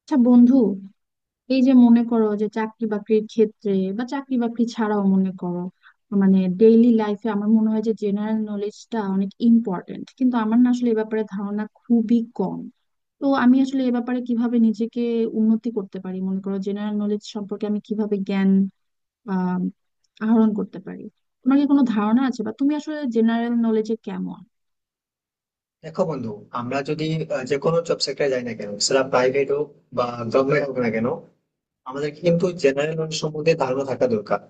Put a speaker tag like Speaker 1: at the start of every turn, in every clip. Speaker 1: আচ্ছা বন্ধু, এই যে মনে করো যে চাকরি বাকরির ক্ষেত্রে বা চাকরি বাকরি ছাড়াও মনে করো মানে ডেইলি লাইফে আমার মনে হয় যে জেনারেল নলেজটা অনেক ইম্পর্টেন্ট, কিন্তু আমার না আসলে এ ব্যাপারে ধারণা খুবই কম। তো আমি আসলে এ ব্যাপারে কিভাবে নিজেকে উন্নতি করতে পারি, মনে করো জেনারেল নলেজ সম্পর্কে আমি কিভাবে জ্ঞান আহ আহরণ করতে পারি? তোমার কি কোনো ধারণা আছে, বা তুমি আসলে জেনারেল নলেজে কেমন?
Speaker 2: দেখো বন্ধু, আমরা যদি যে কোনো জব সেক্টরে যাই না কেন, সেটা প্রাইভেট হোক বা গভর্নমেন্ট হোক না কেন, আমাদেরকে কিন্তু জেনারেল নলেজ সম্বন্ধে ধারণা থাকা দরকার।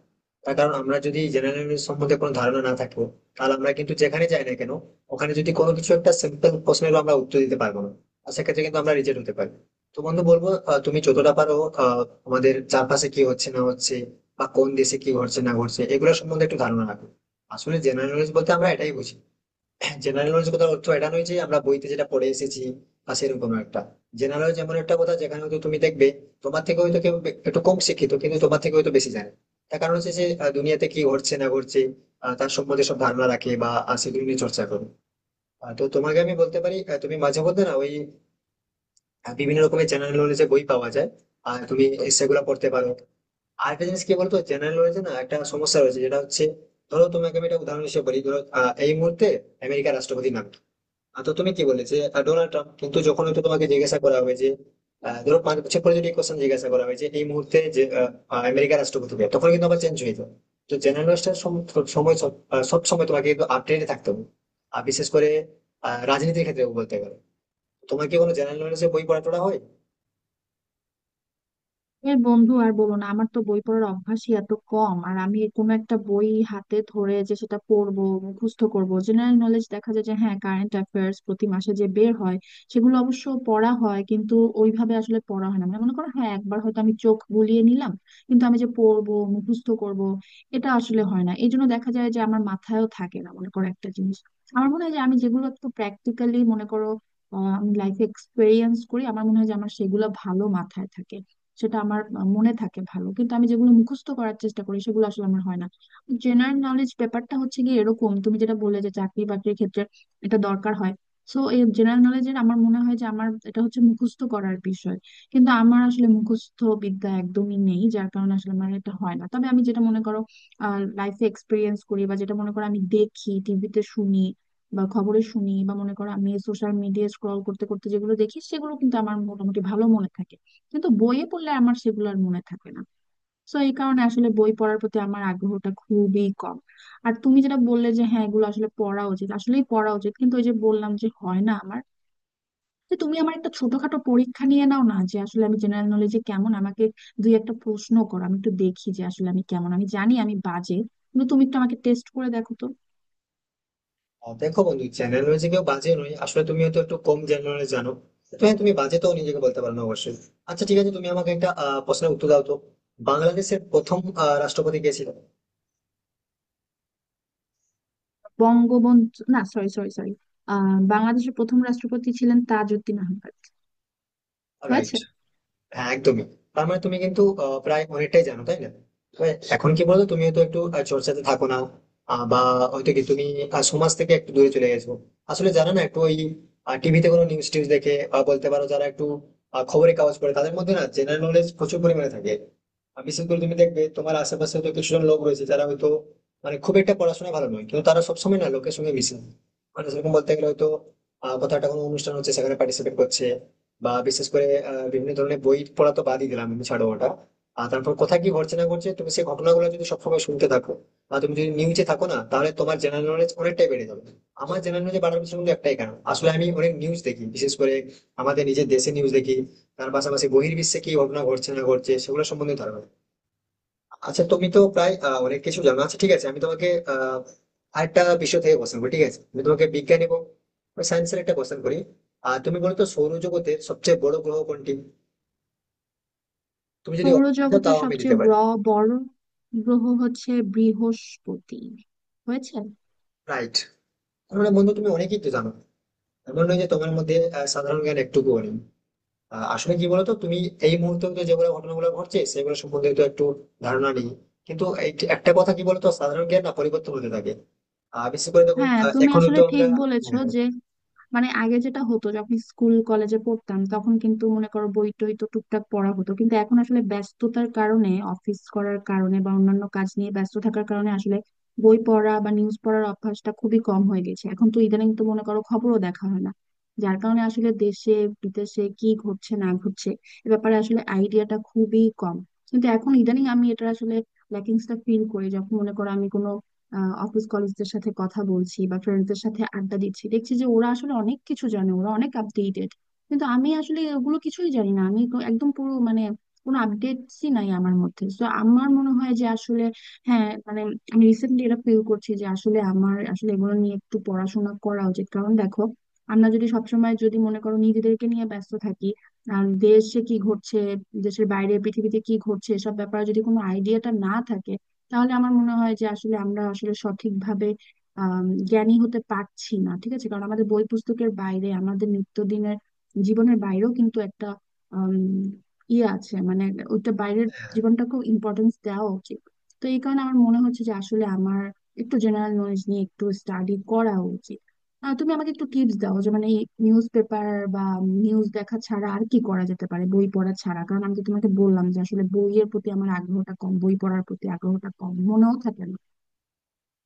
Speaker 2: তার কারণ আমরা যদি জেনারেল নলেজ সম্বন্ধে কোনো ধারণা না থাকবো, তাহলে আমরা কিন্তু যেখানে যাই না কেন, ওখানে যদি কোনো কিছু একটা সিম্পল প্রশ্নেরও আমরা উত্তর দিতে পারবো না, আর সেক্ষেত্রে কিন্তু আমরা রিজেক্ট হতে পারি। তো বন্ধু বলবো, তুমি যতটা পারো, আহ, আমাদের চারপাশে কি হচ্ছে না হচ্ছে বা কোন দেশে কি ঘটছে না ঘটছে, এগুলো সম্বন্ধে একটু ধারণা রাখো। আসলে জেনারেল নলেজ বলতে আমরা এটাই বুঝি। জেনারেল নলেজ কথা অর্থ এটা নয় যে আমরা বইতে যেটা পড়ে এসেছি বা সেরকম একটা। জেনারেল নলেজ এমন একটা কথা যেখানে হয়তো তুমি দেখবে তোমার থেকে হয়তো একটু কম শিক্ষিত, কিন্তু তোমার থেকে হয়তো বেশি জানে। তার কারণ হচ্ছে যে দুনিয়াতে কি ঘটছে না ঘটছে, তার সম্বন্ধে সব ধারণা রাখে বা সেগুলো নিয়ে চর্চা করে। তো তোমাকে আমি বলতে পারি, তুমি মাঝে মধ্যে না ওই বিভিন্ন রকমের জেনারেল নলেজে বই পাওয়া যায়, আর তুমি সেগুলো পড়তে পারো। আর একটা জিনিস কি বলতো, জেনারেল নলেজে না একটা সমস্যা রয়েছে, যেটা হচ্ছে ধরো তোমাকে আমি একটা উদাহরণ হিসেবে বলি। ধরো, এই মুহূর্তে আমেরিকার রাষ্ট্রপতির নাম কি? তো তুমি কি বললে যে ডোনাল্ড ট্রাম্প। কিন্তু যখন হয়তো তোমাকে জিজ্ঞাসা করা হবে যে ধরো 5 বছর পরে যদি কোশ্চেন জিজ্ঞাসা করা হয় যে এই মুহূর্তে যে আহ, আহ, আমেরিকার রাষ্ট্রপতি কে? তখন কিন্তু আবার চেঞ্জ হয়ে যাবে। তো জার্নালিস্টের সব সময় তোমাকে কিন্তু আপডেটে থাকতে হবে। আর বিশেষ করে রাজনীতির ক্ষেত্রে বলতে গেলে, তোমার কি কোনো জেনারেল নলেজে বই পড়া টড়া হয়?
Speaker 1: এর বন্ধু আর বলো না, আমার তো বই পড়ার অভ্যাসই এত কম। আর আমি কোনো একটা বই হাতে ধরে যে সেটা পড়বো মুখস্থ করবো, জেনারেল নলেজ দেখা যায় যে হ্যাঁ কারেন্ট অ্যাফেয়ার্স প্রতি মাসে যে বের হয় সেগুলো অবশ্য পড়া হয়, কিন্তু ওইভাবে আসলে পড়া হয় না। মানে মনে করো হ্যাঁ একবার হয়তো আমি চোখ বুলিয়ে নিলাম, কিন্তু আমি যে পড়বো মুখস্থ করব এটা আসলে হয় না। এই জন্য দেখা যায় যে আমার মাথায়ও থাকে না মনে করো একটা জিনিস। আমার মনে হয় যে আমি যেগুলো একটু প্র্যাকটিক্যালি মনে করো আমি লাইফে এক্সপেরিয়েন্স করি আমার মনে হয় যে আমার সেগুলো ভালো মাথায় থাকে। সেটা আমার মনে থাকে ভালো, কিন্তু আমি যেগুলো মুখস্থ করার চেষ্টা করি সেগুলো আসলে আমার হয় না। জেনারেল নলেজ ব্যাপারটা হচ্ছে কি, এরকম তুমি যেটা বললে যে চাকরি বাকরির ক্ষেত্রে এটা দরকার হয়। সো এই জেনারেল নলেজের আমার মনে হয় যে আমার এটা হচ্ছে মুখস্থ করার বিষয়, কিন্তু আমার আসলে মুখস্থ বিদ্যা একদমই নেই যার কারণে আসলে আমার এটা হয় না। তবে আমি যেটা মনে করো লাইফে এক্সপিরিয়েন্স করি, বা যেটা মনে করো আমি দেখি টিভিতে শুনি বা খবরে শুনি, বা মনে করো আমি সোশ্যাল মিডিয়া স্ক্রল করতে করতে যেগুলো দেখি সেগুলো কিন্তু আমার মোটামুটি ভালো মনে থাকে। কিন্তু বইয়ে পড়লে আমার সেগুলো আর মনে থাকে না। তো এই কারণে আসলে বই পড়ার প্রতি আমার আগ্রহটা খুবই কম। আর তুমি যেটা বললে যে হ্যাঁ এগুলো আসলে পড়া উচিত, আসলেই পড়া উচিত, কিন্তু ওই যে বললাম যে হয় না আমার। যে তুমি আমার একটা ছোটখাটো পরীক্ষা নিয়ে নাও না যে আসলে আমি জেনারেল নলেজে কেমন, আমাকে দুই একটা প্রশ্ন করো আমি একটু দেখি যে আসলে আমি কেমন। আমি জানি আমি বাজে, কিন্তু তুমি একটু আমাকে টেস্ট করে দেখো তো।
Speaker 2: দেখো বন্ধু, জেনারেল নলেজে কেউ বাজে নয়। আসলে তুমি হয়তো একটু কম জেনারেল নলেজ জানো, তো হ্যাঁ, তুমি বাজে তো নিজেকে বলতে পারো না অবশ্যই। আচ্ছা, ঠিক আছে, তুমি আমাকে একটা প্রশ্নের উত্তর দাও তো। বাংলাদেশের প্রথম রাষ্ট্রপতি কে ছিল?
Speaker 1: বঙ্গবন্ধু, না, সরি, সরি, সরি। বাংলাদেশের প্রথম রাষ্ট্রপতি ছিলেন তাজউদ্দিন আহমেদ।
Speaker 2: রাইট।
Speaker 1: হয়েছে?
Speaker 2: হ্যাঁ, একদমই। তার মানে তুমি কিন্তু প্রায় অনেকটাই জানো, তাই না? তবে এখন কি বলতো, তুমি হয়তো একটু চর্চাতে থাকো না। বা হয়তো কি তুমি সমাজ থেকে একটু দূরে চলে গেছো, আসলে জানো না। একটু ওই টিভিতে কোনো নিউজ টিউজ দেখে বা বলতে পারো যারা একটু খবরের কাগজ পড়ে, তাদের মধ্যে না জেনারেল নলেজ প্রচুর পরিমাণে থাকে। আর বিশেষ করে তুমি দেখবে তোমার আশেপাশে হয়তো কিছুজন লোক রয়েছে যারা হয়তো মানে খুব একটা পড়াশোনা ভালো নয়, কিন্তু তারা সবসময় না লোকের সঙ্গে মিশে, মানে সেরকম বলতে গেলে হয়তো কোথাও একটা কোনো অনুষ্ঠান হচ্ছে, সেখানে পার্টিসিপেট করছে। বা বিশেষ করে বিভিন্ন ধরনের বই পড়া তো বাদই দিলাম, আমি ছাড়ো ওটা। আর তারপর কোথায় কি ঘটছে না ঘটছে, তুমি সেই ঘটনাগুলো যদি সবসময় শুনতে থাকো, বা তুমি যদি নিউজে থাকো না, তাহলে তোমার জেনারেল নলেজ অনেকটাই বেড়ে যাবে। আমার জেনারেল নলেজ বাড়ার পিছনে কিন্তু একটাই কারণ, আসলে আমি অনেক নিউজ দেখি, বিশেষ করে আমাদের নিজের দেশে নিউজ দেখি। তার পাশাপাশি বহির্বিশ্বে কি ঘটনা ঘটছে না ঘটছে, সেগুলো সম্বন্ধে ধারণা। আচ্ছা, তুমি তো প্রায় অনেক কিছু জানো। আচ্ছা, ঠিক আছে, আমি তোমাকে আরেকটা বিষয় থেকে কোশ্চেন করি। ঠিক আছে, আমি তোমাকে বিজ্ঞান এবং সায়েন্সের একটা কোশ্চেন করি। আর তুমি বলো তো, সৌরজগতের সবচেয়ে বড় গ্রহ কোনটি? তুমি যদি অপশন দাও,
Speaker 1: সৌরজগতের
Speaker 2: তাও আমি দিতে
Speaker 1: সবচেয়ে
Speaker 2: পারি।
Speaker 1: বড় গ্রহ হচ্ছে বৃহস্পতি। হয়েছে?
Speaker 2: রাইট। মানে বন্ধু, তুমি অনেকেই তো জানো। এমন নয় যে তোমার মধ্যে সাধারণ জ্ঞান একটুকুও নেই। আসলে কি বলতো তুমি এই মুহূর্তে তো যেগুলো ঘটনাগুলো ঘটছে, সেগুলো সম্বন্ধে তো একটু ধারণা নেই। কিন্তু এই যে একটা কথা কি বলতো, সাধারণ জ্ঞান না পরিবর্তন হতে থাকে। বিশেষ করে দেখো,
Speaker 1: হ্যাঁ তুমি
Speaker 2: এখন
Speaker 1: আসলে
Speaker 2: তো আমরা।
Speaker 1: ঠিক বলেছো
Speaker 2: হ্যাঁ।
Speaker 1: যে মানে আগে যেটা হতো যখন স্কুল কলেজে পড়তাম তখন কিন্তু মনে করো বই টই তো টুকটাক পড়া হতো, কিন্তু এখন আসলে ব্যস্ততার কারণে অফিস করার কারণে বা অন্যান্য কাজ নিয়ে ব্যস্ত থাকার কারণে আসলে বই পড়া বা নিউজ পড়ার অভ্যাসটা খুবই কম হয়ে গেছে। এখন তো ইদানিং তো মনে করো খবরও দেখা হয় না, যার কারণে আসলে দেশে বিদেশে কি ঘটছে না ঘটছে এ ব্যাপারে আসলে আইডিয়াটা খুবই কম। কিন্তু এখন ইদানিং আমি এটা আসলে ল্যাকিংসটা ফিল করি যখন মনে করো আমি কোনো অফিস কলিগদের সাথে কথা বলছি বা ফ্রেন্ডসদের সাথে আড্ডা দিচ্ছি, দেখছি যে ওরা আসলে অনেক কিছু জানে, ওরা অনেক আপডেটেড। কিন্তু আমি আসলে ওগুলো কিছুই জানি না, আমি তো একদম পুরো মানে কোনো আপডেটসই নাই আমার মধ্যে। তো আমার মনে হয় যে আসলে হ্যাঁ মানে আমি রিসেন্টলি এটা ফিল করছি যে আসলে আমার আসলে এগুলো নিয়ে একটু পড়াশোনা করা উচিত। কারণ দেখো, আমরা যদি সবসময় যদি মনে করো নিজেদেরকে নিয়ে ব্যস্ত থাকি আর দেশে কি ঘটছে, দেশের বাইরে পৃথিবীতে কি ঘটছে এসব ব্যাপারে যদি কোনো আইডিয়াটা না থাকে তাহলে আমার মনে হয় যে আসলে আমরা আসলে সঠিকভাবে জ্ঞানী হতে পারছি না, ঠিক আছে? কারণ আমাদের বই পুস্তকের বাইরে আমাদের নিত্যদিনের জীবনের বাইরেও কিন্তু একটা আম, ইয়ে আছে, মানে ওইটা বাইরের জীবনটাকেও ইম্পর্টেন্স দেওয়া উচিত। তো এই কারণে আমার মনে হচ্ছে যে আসলে আমার একটু জেনারেল নলেজ নিয়ে একটু স্টাডি করা উচিত। তুমি আমাকে একটু টিপস দাও যে মানে নিউজ পেপার বা নিউজ দেখা ছাড়া আর কি করা যেতে পারে, বই পড়া ছাড়া? কারণ আমি তো তোমাকে বললাম যে আসলে বইয়ের প্রতি আমার আগ্রহটা কম, বই পড়ার প্রতি আগ্রহটা কম, মনেও থাকে না।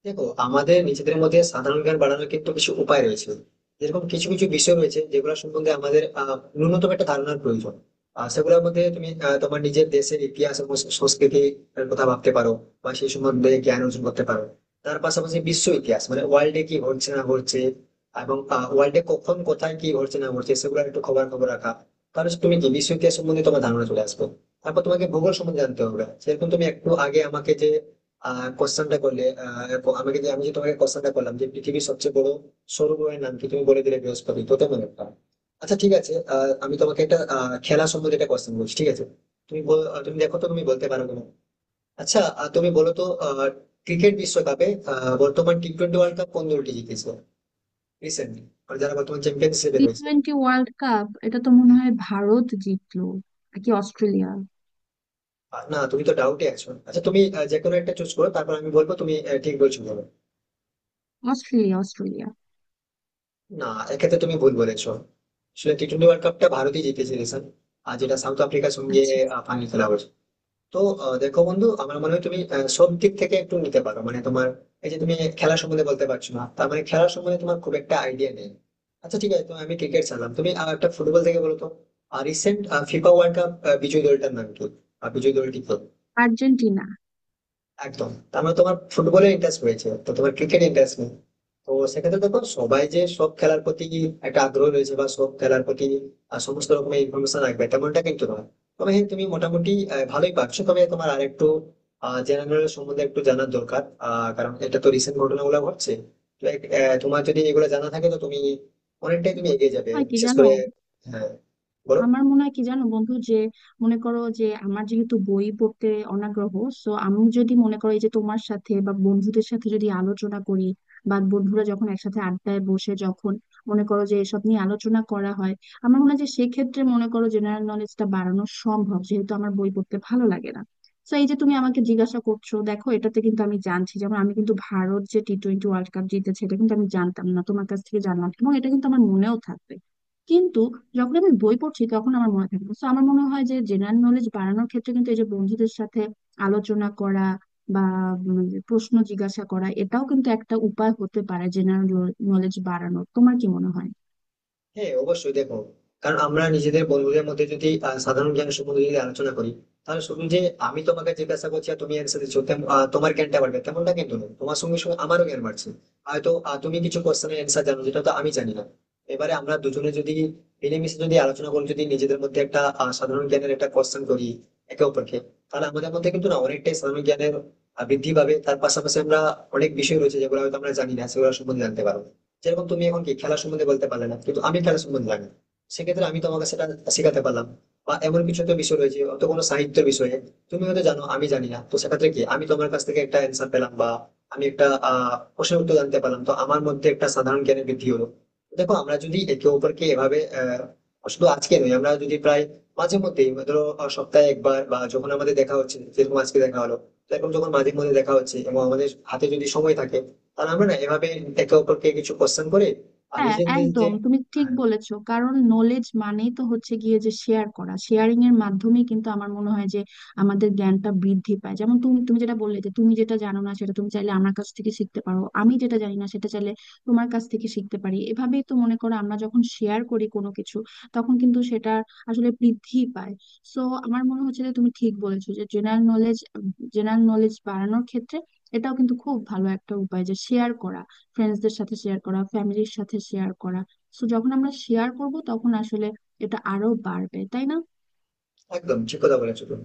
Speaker 2: দেখো, আমাদের নিজেদের মধ্যে সাধারণ জ্ঞান বাড়ানোর কিন্তু কিছু উপায় রয়েছে। যেরকম কিছু কিছু বিষয় রয়েছে যেগুলো সম্বন্ধে আমাদের ন্যূনতম একটা ধারণার প্রয়োজন। আর সেগুলোর মধ্যে তুমি তোমার নিজের দেশের ইতিহাস এবং সংস্কৃতি কথা ভাবতে পারো, বা সেই সম্বন্ধে জ্ঞান অর্জন করতে পারো। তার পাশাপাশি বিশ্ব ইতিহাস, মানে ওয়ার্ল্ডে কি ঘটছে না ঘটছে এবং ওয়ার্ল্ডে কখন কোথায় কি ঘটছে না ঘটছে সেগুলোর একটু খবর খবর রাখা। তাহলে তুমি কি বিশ্ব ইতিহাস সম্বন্ধে তোমার ধারণা চলে আসবে। তারপর তোমাকে ভূগোল সম্বন্ধে জানতে হবে। সেরকম তুমি একটু আগে আমাকে যে কোশ্চেনটা করলে, এরপর আমাকে যে আমি যে তোমাকে কোশ্চেনটা করলাম যে পৃথিবীর সবচেয়ে বড় সৌর গ্রহের নাম কি, তুমি বলে দিলে বৃহস্পতি, তো তেমন একটা। আচ্ছা, ঠিক আছে, আমি তোমাকে একটা খেলা সম্বন্ধে একটা কোশ্চেন বলছি, ঠিক আছে? তুমি দেখো তো তুমি বলতে পারো কিনা। আচ্ছা, তুমি বলো তো, ক্রিকেট বিশ্বকাপে বর্তমান টি টোয়েন্টি ওয়ার্ল্ড কাপ কোন দলটি জিতেছে রিসেন্টলি, যারা বর্তমান চ্যাম্পিয়নশিপে
Speaker 1: টি
Speaker 2: রয়েছে?
Speaker 1: টোয়েন্টি ওয়ার্ল্ড কাপ এটা তো মনে হয় ভারত জিতলো, নাকি অস্ট্রেলিয়া?
Speaker 2: না, তুমি তো ডাউটে আছো। আচ্ছা, তুমি যে কোনো একটা চুজ করো, তারপর আমি বলবো তুমি ঠিক বলছো, বলো।
Speaker 1: Australia, Australia.
Speaker 2: না, এক্ষেত্রে তুমি ভুল বলেছো। আসলে টি টোয়েন্টি ওয়ার্ল্ড কাপটা ভারতই জিতেছিল স্যার। আর যেটা সাউথ আফ্রিকার সঙ্গে
Speaker 1: আচ্ছা।
Speaker 2: ফাইনাল খেলা হয়েছে। তো দেখো বন্ধু, আমার মনে হয় তুমি সব দিক থেকে একটু নিতে পারো। মানে তোমার এই যে তুমি খেলা সম্বন্ধে বলতে পারছো না, তার মানে খেলা সম্বন্ধে তোমার খুব একটা আইডিয়া নেই। আচ্ছা, ঠিক আছে, তো আমি ক্রিকেট ছাড়লাম, তুমি আর একটা ফুটবল থেকে বলো তো। আর রিসেন্ট ফিফা ওয়ার্ল্ড কাপ বিজয়ী দলটার নাম কি? আর বিজয়ী দলটি কি?
Speaker 1: আর্জেন্টিনা।
Speaker 2: একদম। তার মানে তোমার ফুটবলের ইন্টারেস্ট রয়েছে, তো তোমার ক্রিকেট ইন্টারেস্ট নেই। তো সেক্ষেত্রে দেখো, সবাই যে সব খেলার প্রতি একটা আগ্রহ রয়েছে বা সব খেলার প্রতি সমস্ত রকমের ইনফরমেশন রাখবে, তেমনটা কিন্তু নয়। তবে হ্যাঁ, তুমি মোটামুটি ভালোই পারছো। তবে তোমার আর একটু জেনারেল সম্বন্ধে একটু জানার দরকার। কারণ এটা তো রিসেন্ট ঘটনাগুলো ঘটছে। তো তোমার যদি এগুলো জানা থাকে, তো তুমি অনেকটাই তুমি এগিয়ে যাবে,
Speaker 1: হয় কি
Speaker 2: বিশেষ
Speaker 1: জানো?
Speaker 2: করে। হ্যাঁ, বলো।
Speaker 1: আমার মনে হয় কি জানো বন্ধু, যে মনে করো যে আমার যেহেতু বই পড়তে অনাগ্রহ, সো আমি যদি মনে করো এই যে তোমার সাথে বা বন্ধুদের সাথে যদি আলোচনা করি বা বন্ধুরা যখন একসাথে আড্ডায় বসে যখন মনে করো যে এসব নিয়ে আলোচনা করা হয়, আমার মনে হয় যে সেক্ষেত্রে মনে করো জেনারেল নলেজটা বাড়ানো সম্ভব, যেহেতু আমার বই পড়তে ভালো লাগে না। তো এই যে তুমি আমাকে জিজ্ঞাসা করছো দেখো, এটাতে কিন্তু আমি জানছি, যেমন আমি কিন্তু ভারত যে টি টোয়েন্টি ওয়ার্ল্ড কাপ জিতেছে এটা কিন্তু আমি জানতাম না, তোমার কাছ থেকে জানলাম এবং এটা কিন্তু আমার মনেও থাকবে। কিন্তু যখন আমি বই পড়ছি তখন আমার মনে থাকে না। তো আমার মনে হয় যে জেনারেল নলেজ বাড়ানোর ক্ষেত্রে কিন্তু এই যে বন্ধুদের সাথে আলোচনা করা বা যে প্রশ্ন জিজ্ঞাসা করা এটাও কিন্তু একটা উপায় হতে পারে জেনারেল নলেজ বাড়ানোর। তোমার কি মনে হয়?
Speaker 2: হ্যাঁ, অবশ্যই। দেখো, কারণ আমরা নিজেদের বন্ধুদের মধ্যে যদি সাধারণ জ্ঞান সম্বন্ধে যদি আলোচনা করি, তাহলে শুধু যে আমি তোমাকে জিজ্ঞাসা করছি আর তুমি অ্যান্সার দিচ্ছ, তোমার জ্ঞানটা বাড়বে তেমনটা কিন্তু নয়, তোমার সঙ্গে সঙ্গে আমারও জ্ঞান বাড়ছে। হয়তো তুমি কিছু কোশ্চেনের অ্যান্সার জানো যেটা তো আমি জানি না। এবারে আমরা দুজনে যদি মিলেমিশে যদি আলোচনা করি, যদি নিজেদের মধ্যে একটা সাধারণ জ্ঞানের একটা কোশ্চেন করি একে অপরকে, তাহলে আমাদের মধ্যে কিন্তু না অনেকটাই সাধারণ জ্ঞানের বৃদ্ধি পাবে। তার পাশাপাশি আমরা অনেক বিষয় রয়েছে যেগুলো হয়তো আমরা জানি না, সেগুলো সম্বন্ধে জানতে পারবো। যেরকম তুমি এখন কি খেলা সম্বন্ধে বলতে পারলে না, কিন্তু আমি খেলা সম্বন্ধে জানি, সেক্ষেত্রে আমি তোমাকে সেটা শেখাতে পারলাম। বা এমন কিছু তো বিষয় রয়েছে অত কোনো সাহিত্যের বিষয়ে তুমি হয়তো জানো, আমি জানি না, তো সেক্ষেত্রে কি আমি তোমার কাছ থেকে একটা অ্যান্সার পেলাম বা আমি একটা প্রশ্নের উত্তর জানতে পারলাম, তো আমার মধ্যে একটা সাধারণ জ্ঞানের বৃদ্ধি হলো। দেখো, আমরা যদি একে অপরকে এভাবে শুধু আজকে নয়, আমরা যদি প্রায় মাঝে মধ্যেই ধরো সপ্তাহে 1 বার বা যখন আমাদের দেখা হচ্ছে, যেরকম আজকে দেখা হলো, তো এরকম যখন মাঝে মধ্যে দেখা হচ্ছে এবং আমাদের হাতে যদি সময় থাকে আর আমরা না এভাবে একে অপরকে কিছু কোশ্চেন করে আর
Speaker 1: হ্যাঁ
Speaker 2: নিজেদের যে।
Speaker 1: একদম তুমি ঠিক
Speaker 2: হ্যাঁ,
Speaker 1: বলেছো, কারণ নলেজ মানেই তো হচ্ছে গিয়ে যে শেয়ার করা, শেয়ারিং এর মাধ্যমে কিন্তু আমার মনে হয় যে আমাদের জ্ঞানটা বৃদ্ধি পায়। যেমন তুমি তুমি যেটা বললে যে তুমি যেটা জানো না সেটা তুমি চাইলে আমার কাছ থেকে শিখতে পারো, আমি যেটা জানি না সেটা চাইলে তোমার কাছ থেকে শিখতে পারি। এভাবেই তো মনে করো আমরা যখন শেয়ার করি কোনো কিছু তখন কিন্তু সেটা আসলে বৃদ্ধি পায়। সো আমার মনে হচ্ছে যে তুমি ঠিক বলেছো যে জেনারেল নলেজ বাড়ানোর ক্ষেত্রে এটাও কিন্তু খুব ভালো একটা উপায়, যে শেয়ার করা, ফ্রেন্ডসদের সাথে শেয়ার করা, ফ্যামিলির সাথে শেয়ার করা। সো যখন আমরা শেয়ার করব তখন আসলে এটা আরো বাড়বে, তাই না?
Speaker 2: একদম ঠিক কথা বলেছো তুমি।